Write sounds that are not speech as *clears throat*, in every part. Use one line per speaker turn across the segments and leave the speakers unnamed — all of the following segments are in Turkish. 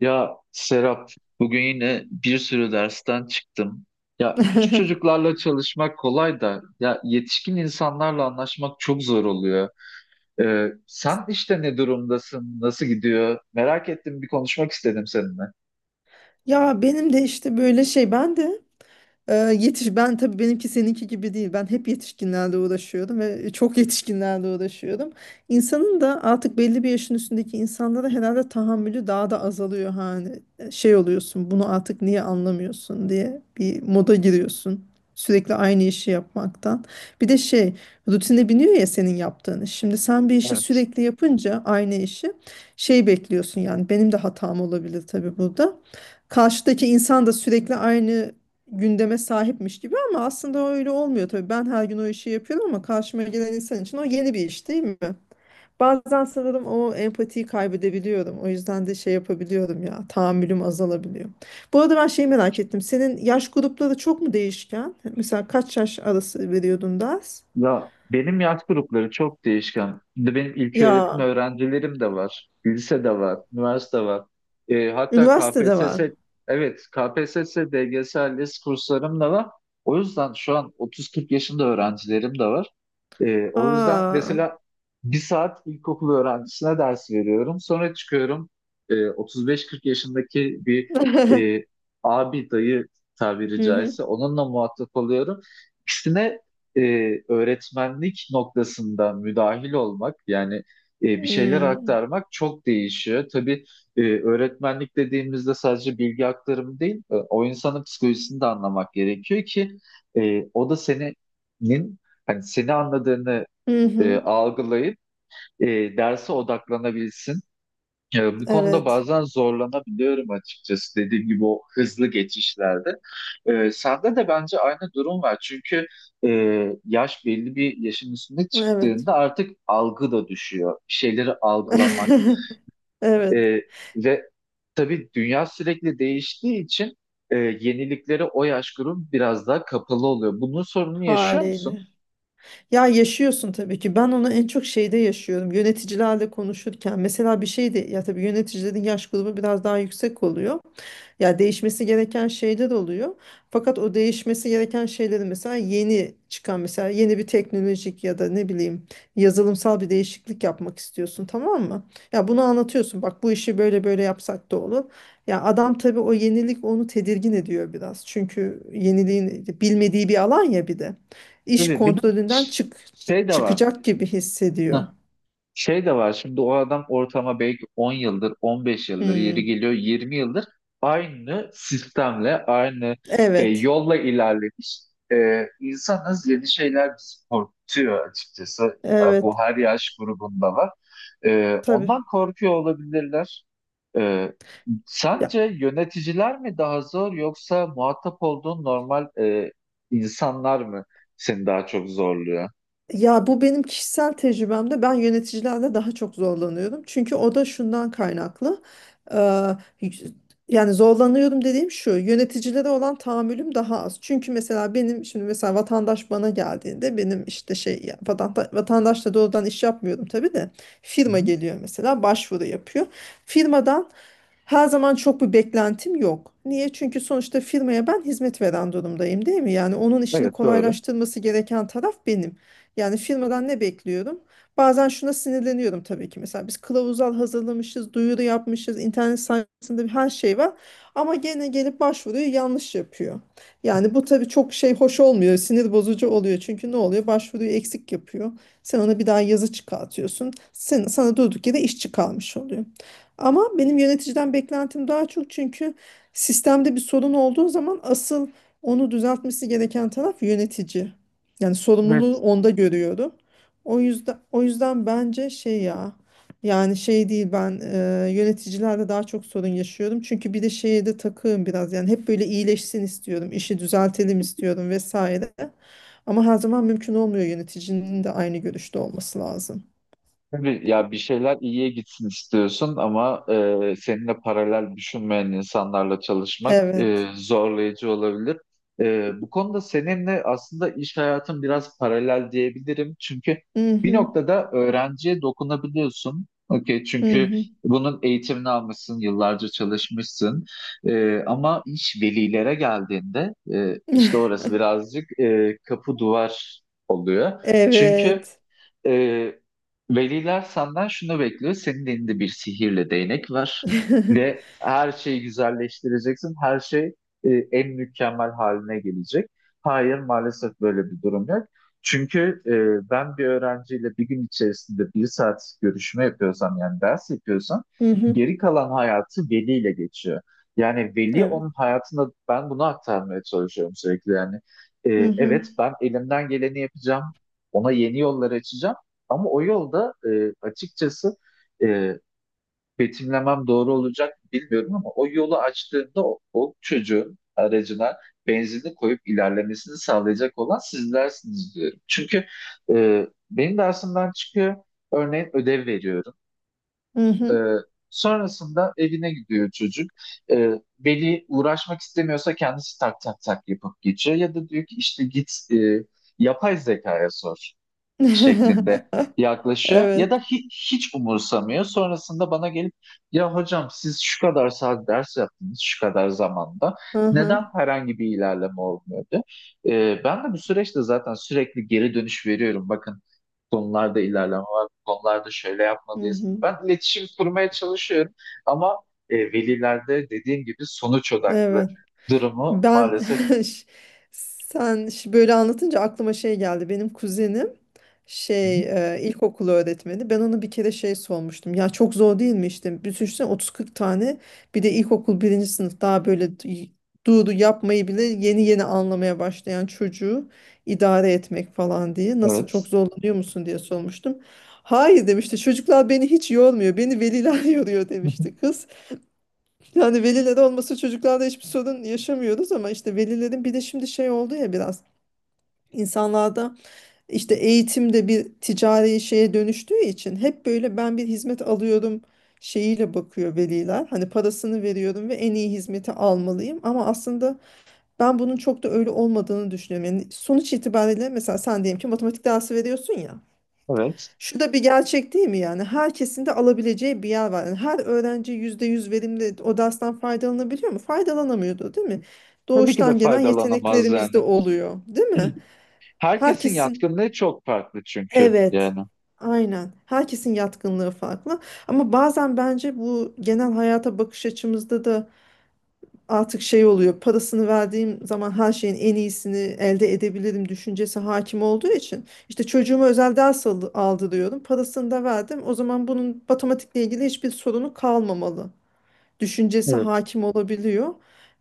Ya Serap, bugün yine bir sürü dersten çıktım. Ya küçük çocuklarla çalışmak kolay da ya yetişkin insanlarla anlaşmak çok zor oluyor. Sen işte ne durumdasın, nasıl gidiyor? Merak ettim, bir konuşmak istedim seninle.
Ya benim de işte böyle şey ben de yetiş ben tabii benimki seninki gibi değil. Ben hep yetişkinlerle uğraşıyordum ve çok *laughs* yetişkinlerle uğraşıyordum. İnsanın da artık belli bir yaşın üstündeki insanlara herhalde tahammülü daha da azalıyor hani. Şey oluyorsun, bunu artık niye anlamıyorsun diye bir moda giriyorsun. Sürekli aynı işi yapmaktan. Bir de şey, Rutine biniyor ya senin yaptığın iş. Şimdi sen bir işi
Evet.
sürekli yapınca aynı işi bekliyorsun yani benim de hatam olabilir tabii burada. Karşıdaki insan da sürekli aynı gündeme sahipmiş gibi ama aslında öyle olmuyor tabii. Ben her gün o işi yapıyorum ama karşıma gelen insan için o yeni bir iş değil mi? Bazen sanırım o empatiyi kaybedebiliyorum. O yüzden de yapabiliyorum ya, tahammülüm azalabiliyor. Bu arada ben şeyi merak ettim. Senin yaş grupları çok mu değişken? Mesela kaç yaş arası veriyordun ders?
Ya benim yaş grupları çok değişken. Şimdi benim ilköğretim
Ya,
öğrencilerim de var, lise de var, üniversite var. Hatta
üniversitede
KPSS,
var.
evet, KPSS, DGS, ALES kurslarım da var. O yüzden şu an 30-40 yaşında öğrencilerim de var. O yüzden
Aa.
mesela bir saat ilkokul öğrencisine ders veriyorum. Sonra çıkıyorum 35-40 yaşındaki bir
*laughs*
e, abi dayı tabiri
Hı hı.
caizse onunla muhatap oluyorum. İkisine e, öğretmenlik noktasında müdahil olmak yani bir şeyler
Hmm.
aktarmak çok değişiyor. Tabii öğretmenlik dediğimizde sadece bilgi aktarımı değil, o insanın psikolojisini de anlamak gerekiyor ki o da senin hani seni anladığını
Hı hı.
algılayıp e, derse odaklanabilsin. Ya bu konuda
Evet.
bazen zorlanabiliyorum açıkçası dediğim gibi o hızlı geçişlerde. Sende de bence aynı durum var. Çünkü e, yaş belli bir yaşın üstüne
Evet.
çıktığında artık algı da düşüyor. Bir şeyleri algılamak
*laughs* Evet.
e, ve tabii dünya sürekli değiştiği için yeniliklere o yaş grubu biraz daha kapalı oluyor. Bunun sorununu yaşıyor musun?
Haliyle. Ya yaşıyorsun tabii ki. Ben onu en çok şeyde yaşıyorum. Yöneticilerle konuşurken mesela bir şey de ya tabii yöneticilerin yaş grubu biraz daha yüksek oluyor. Ya değişmesi gereken şeyler oluyor. Fakat o değişmesi gereken şeyleri mesela yeni bir teknolojik ya da ne bileyim yazılımsal bir değişiklik yapmak istiyorsun, tamam mı? Ya bunu anlatıyorsun. Bak bu işi böyle böyle yapsak da olur. Ya adam tabii o yenilik onu tedirgin ediyor biraz. Çünkü yeniliğin bilmediği bir alan ya bir de iş
Tabii bir de
kontrolünden
şey de var.
çıkacak gibi hissediyor.
*laughs* Şey de var şimdi o adam ortama belki 10 yıldır, 15 yıldır, yeri
Hmm,
geliyor 20 yıldır aynı sistemle, aynı
evet.
yolla ilerlemiş. İnsanız yeni şeyler bizi korkutuyor açıkçası. Bu
Evet.
her yaş grubunda var.
Tabii.
Ondan korkuyor olabilirler. E, Sence
Ya
yöneticiler mi daha zor yoksa muhatap olduğun normal insanlar mı seni daha çok zorluyor?
Ya, bu benim kişisel tecrübemde ben yöneticilerle daha çok zorlanıyorum. Çünkü o da şundan kaynaklı. Ee, Yani zorlanıyorum dediğim şu, yöneticilere olan tahammülüm daha az. Çünkü mesela vatandaş bana geldiğinde benim vatandaşla doğrudan iş yapmıyorum tabii de
Hı
firma
hı.
geliyor mesela, başvuru yapıyor. Firmadan her zaman çok bir beklentim yok. Niye? Çünkü sonuçta firmaya ben hizmet veren durumdayım, değil mi? Yani onun işini
Evet, doğru.
kolaylaştırması gereken taraf benim. Yani firmadan ne bekliyorum? Bazen şuna sinirleniyorum tabii ki. Mesela biz kılavuzlar hazırlamışız, duyuru yapmışız, internet sayfasında her şey var. Ama gene gelip başvuruyu yanlış yapıyor. Yani bu tabii çok hoş olmuyor, sinir bozucu oluyor. Çünkü ne oluyor? Başvuruyu eksik yapıyor. Sen ona bir daha yazı çıkartıyorsun. Sana durduk yere iş çıkarmış oluyor. Ama benim yöneticiden beklentim daha çok çünkü sistemde bir sorun olduğu zaman asıl onu düzeltmesi gereken taraf yönetici. Yani sorumluluğu
Evet.
onda görüyorum. O yüzden bence yani şey değil ben yöneticilerde daha çok sorun yaşıyorum. Çünkü bir de şeye de takığım biraz yani hep böyle iyileşsin istiyorum, işi düzeltelim istiyorum vesaire. Ama her zaman mümkün olmuyor, yöneticinin de aynı görüşte olması lazım.
Tabii ya bir şeyler iyiye gitsin istiyorsun ama seninle paralel düşünmeyen insanlarla çalışmak
Evet.
zorlayıcı olabilir. Bu konuda seninle aslında iş hayatın biraz paralel diyebilirim. Çünkü
Hı
bir
hı.
noktada öğrenciye dokunabiliyorsun. Okey,
Hı
çünkü
hı.
bunun eğitimini almışsın, yıllarca çalışmışsın. Ama iş velilere geldiğinde işte
*laughs*
orası birazcık kapı duvar oluyor. Çünkü.
Evet.
Ee, Veliler senden şunu bekliyor. Senin elinde bir sihirli değnek var ve
*laughs*
her şeyi güzelleştireceksin. Her şey en mükemmel haline gelecek. Hayır, maalesef böyle bir durum yok. Çünkü ben bir öğrenciyle bir gün içerisinde bir saat görüşme yapıyorsam yani ders yapıyorsam
Hı hı.
geri kalan hayatı veliyle geçiyor. Yani veli
Evet.
onun hayatında ben bunu aktarmaya çalışıyorum sürekli yani. E,
Hı hı.
evet, ben elimden geleni yapacağım. Ona yeni yollar açacağım. Ama o yolda açıkçası e, betimlemem doğru olacak bilmiyorum ama o yolu açtığında o çocuğun aracına benzinli koyup ilerlemesini sağlayacak olan sizlersiniz diyorum. Çünkü benim dersimden çıkıyor, örneğin ödev veriyorum.
Hı
E,
hı.
Sonrasında evine gidiyor çocuk. E, Veli uğraşmak istemiyorsa kendisi tak tak tak yapıp geçiyor ya da diyor ki işte git yapay zekaya sor şeklinde
*laughs*
yaklaşıyor ya
Evet.
da hiç, hiç umursamıyor. Sonrasında bana gelip ya hocam siz şu kadar saat ders yaptınız şu kadar zamanda
Hı
neden
hı.
herhangi bir ilerleme olmuyordu? Ben de bu süreçte zaten sürekli geri dönüş veriyorum. Bakın konularda ilerleme var, bu konularda şöyle
Hı
yapmalıyız.
hı.
Ben iletişim kurmaya çalışıyorum ama velilerde dediğim gibi sonuç odaklı
Evet.
durumu
Ben
maalesef.
*laughs* ş- sen böyle anlatınca aklıma şey geldi. Benim kuzenim
Hı hı,
şey ilkokulu öğretmeni. Ben ona bir kere şey sormuştum. Ya çok zor değil mi işte? Bir düşünsene 30-40 tane, bir de ilkokul birinci sınıf, daha böyle doğru yapmayı bile yeni yeni anlamaya başlayan çocuğu idare etmek falan diye. Nasıl, çok
evet.
zorlanıyor musun diye sormuştum. Hayır demişti. Çocuklar beni hiç yormuyor. Beni veliler *laughs* yoruyor demişti.
*laughs*
Yani veliler olması, çocuklarla hiçbir sorun yaşamıyoruz ama işte velilerin bir de şimdi şey oldu ya, biraz insanlarda işte eğitimde bir ticari şeye dönüştüğü için hep böyle ben bir hizmet alıyorum şeyiyle bakıyor veliler. Hani parasını veriyorum ve en iyi hizmeti almalıyım ama aslında ben bunun çok da öyle olmadığını düşünüyorum. Yani sonuç itibariyle mesela sen diyelim ki matematik dersi veriyorsun ya.
Evet.
Şu da bir gerçek değil mi yani? Herkesin de alabileceği bir yer var. Yani her öğrenci %100 verimli o dersten faydalanabiliyor mu? Faydalanamıyordu, değil mi?
Tabii ki de
Doğuştan gelen
faydalanamaz
yeteneklerimiz de
yani.
oluyor, değil mi?
*clears throat* Herkesin
Herkesin
yatkınlığı çok farklı çünkü
evet.
yani.
Aynen. Herkesin yatkınlığı farklı. Ama bazen bence bu genel hayata bakış açımızda da artık şey oluyor, parasını verdiğim zaman her şeyin en iyisini elde edebilirim düşüncesi hakim olduğu için, işte çocuğuma özel ders aldırıyorum, parasını da verdim, o zaman bunun matematikle ilgili hiçbir sorunu kalmamalı düşüncesi
Evet.
hakim olabiliyor.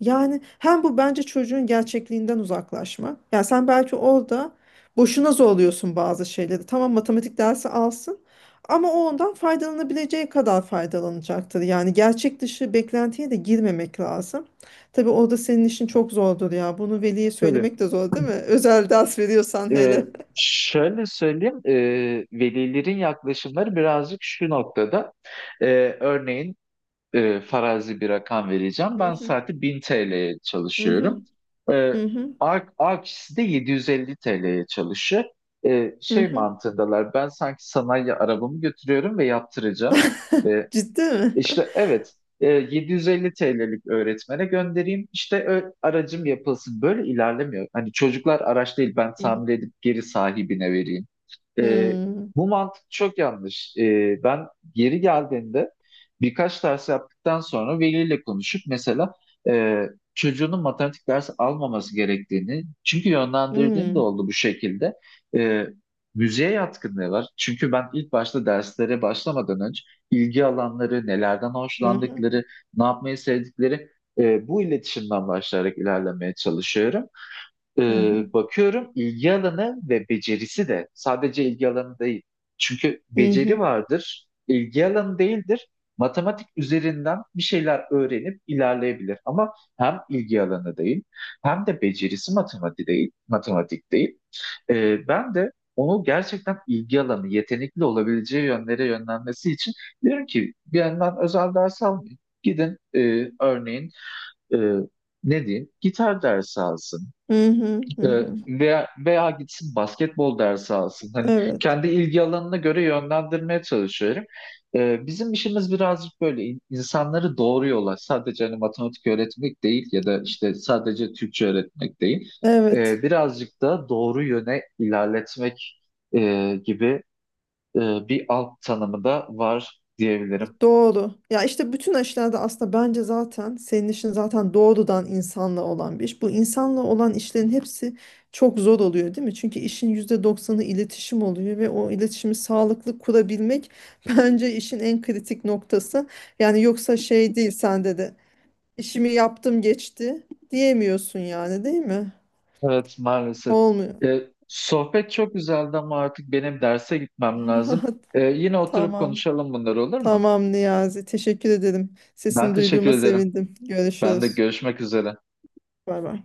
Yani hem bu bence çocuğun gerçekliğinden uzaklaşma. Yani sen belki orada boşuna zorluyorsun bazı şeyleri. Tamam, matematik dersi alsın ama o ondan faydalanabileceği kadar faydalanacaktır. Yani gerçek dışı beklentiye de girmemek lazım. Tabii orada senin işin çok zordur ya. Bunu veliye
Tabii.
söylemek de zor değil mi? *laughs* Özel ders veriyorsan
Ee,
hele.
Şöyle söyleyeyim, velilerin yaklaşımları birazcık şu noktada. Örneğin farazi bir rakam vereceğim. Ben
Mhm,
saati 1000 TL'ye çalışıyorum.
mhm,
Ee,
mhm,
A kişisi de 750 TL'ye çalışıyor. Şey
mhm.
mantığındalar, ben sanki sanayi arabamı götürüyorum ve yaptıracağım.
*laughs*
E,
Ciddi mi?
İşte evet, 750 TL'lik öğretmene göndereyim işte aracım yapılsın. Böyle ilerlemiyor. Hani çocuklar araç değil ben
Mhm.
tamir edip geri sahibine vereyim. E,
Hmm,
Bu mantık çok yanlış. Ben geri geldiğinde birkaç ders yaptıktan sonra veliyle konuşup mesela e, çocuğunun matematik dersi almaması gerektiğini çünkü yönlendirdiğim de
hmm,
oldu bu şekilde. E, Müziğe yatkınlığı var. Çünkü ben ilk başta derslere başlamadan önce ilgi alanları, nelerden
mhm.
hoşlandıkları, ne yapmayı sevdikleri bu iletişimden başlayarak ilerlemeye çalışıyorum.
Hı hı.
Bakıyorum ilgi alanı ve becerisi de sadece ilgi alanı değil. Çünkü
Hı
beceri
hı.
vardır, ilgi alanı değildir. Matematik üzerinden bir şeyler öğrenip ilerleyebilir ama hem ilgi alanı değil hem de becerisi matematik değil, matematik değil. Ben de onu gerçekten ilgi alanı, yetenekli olabileceği yönlere yönlenmesi için diyorum ki bir yandan özel ders almayın. Gidin örneğin e, ne diyeyim gitar dersi alsın
Hı hı. Hı hı.
veya gitsin basketbol dersi alsın. Hani
Evet.
kendi ilgi alanına göre yönlendirmeye çalışıyorum. Bizim işimiz birazcık böyle insanları doğru yola sadece hani matematik öğretmek değil ya da işte sadece Türkçe öğretmek değil.
Evet.
Birazcık da doğru yöne ilerletmek gibi e, bir alt tanımı da var diyebilirim.
Doğru. Ya işte bütün aşılarda aslında bence zaten senin işin zaten doğrudan insanla olan bir iş. Bu insanla olan işlerin hepsi çok zor oluyor değil mi? Çünkü işin %90 iletişim oluyor ve o iletişimi sağlıklı kurabilmek *laughs* bence işin en kritik noktası. Yani yoksa şey değil sende de işimi yaptım geçti diyemiyorsun yani, değil mi?
Evet, maalesef.
Olmuyor.
Ee, Sohbet çok güzeldi ama artık benim derse gitmem lazım.
*laughs*
Yine oturup
Tamam.
konuşalım bunları, olur mu?
Tamam Niyazi. Teşekkür ederim.
Ben
Sesini
teşekkür
duyduğuma
ederim.
sevindim.
Ben de
Görüşürüz.
görüşmek üzere.
Bay bay.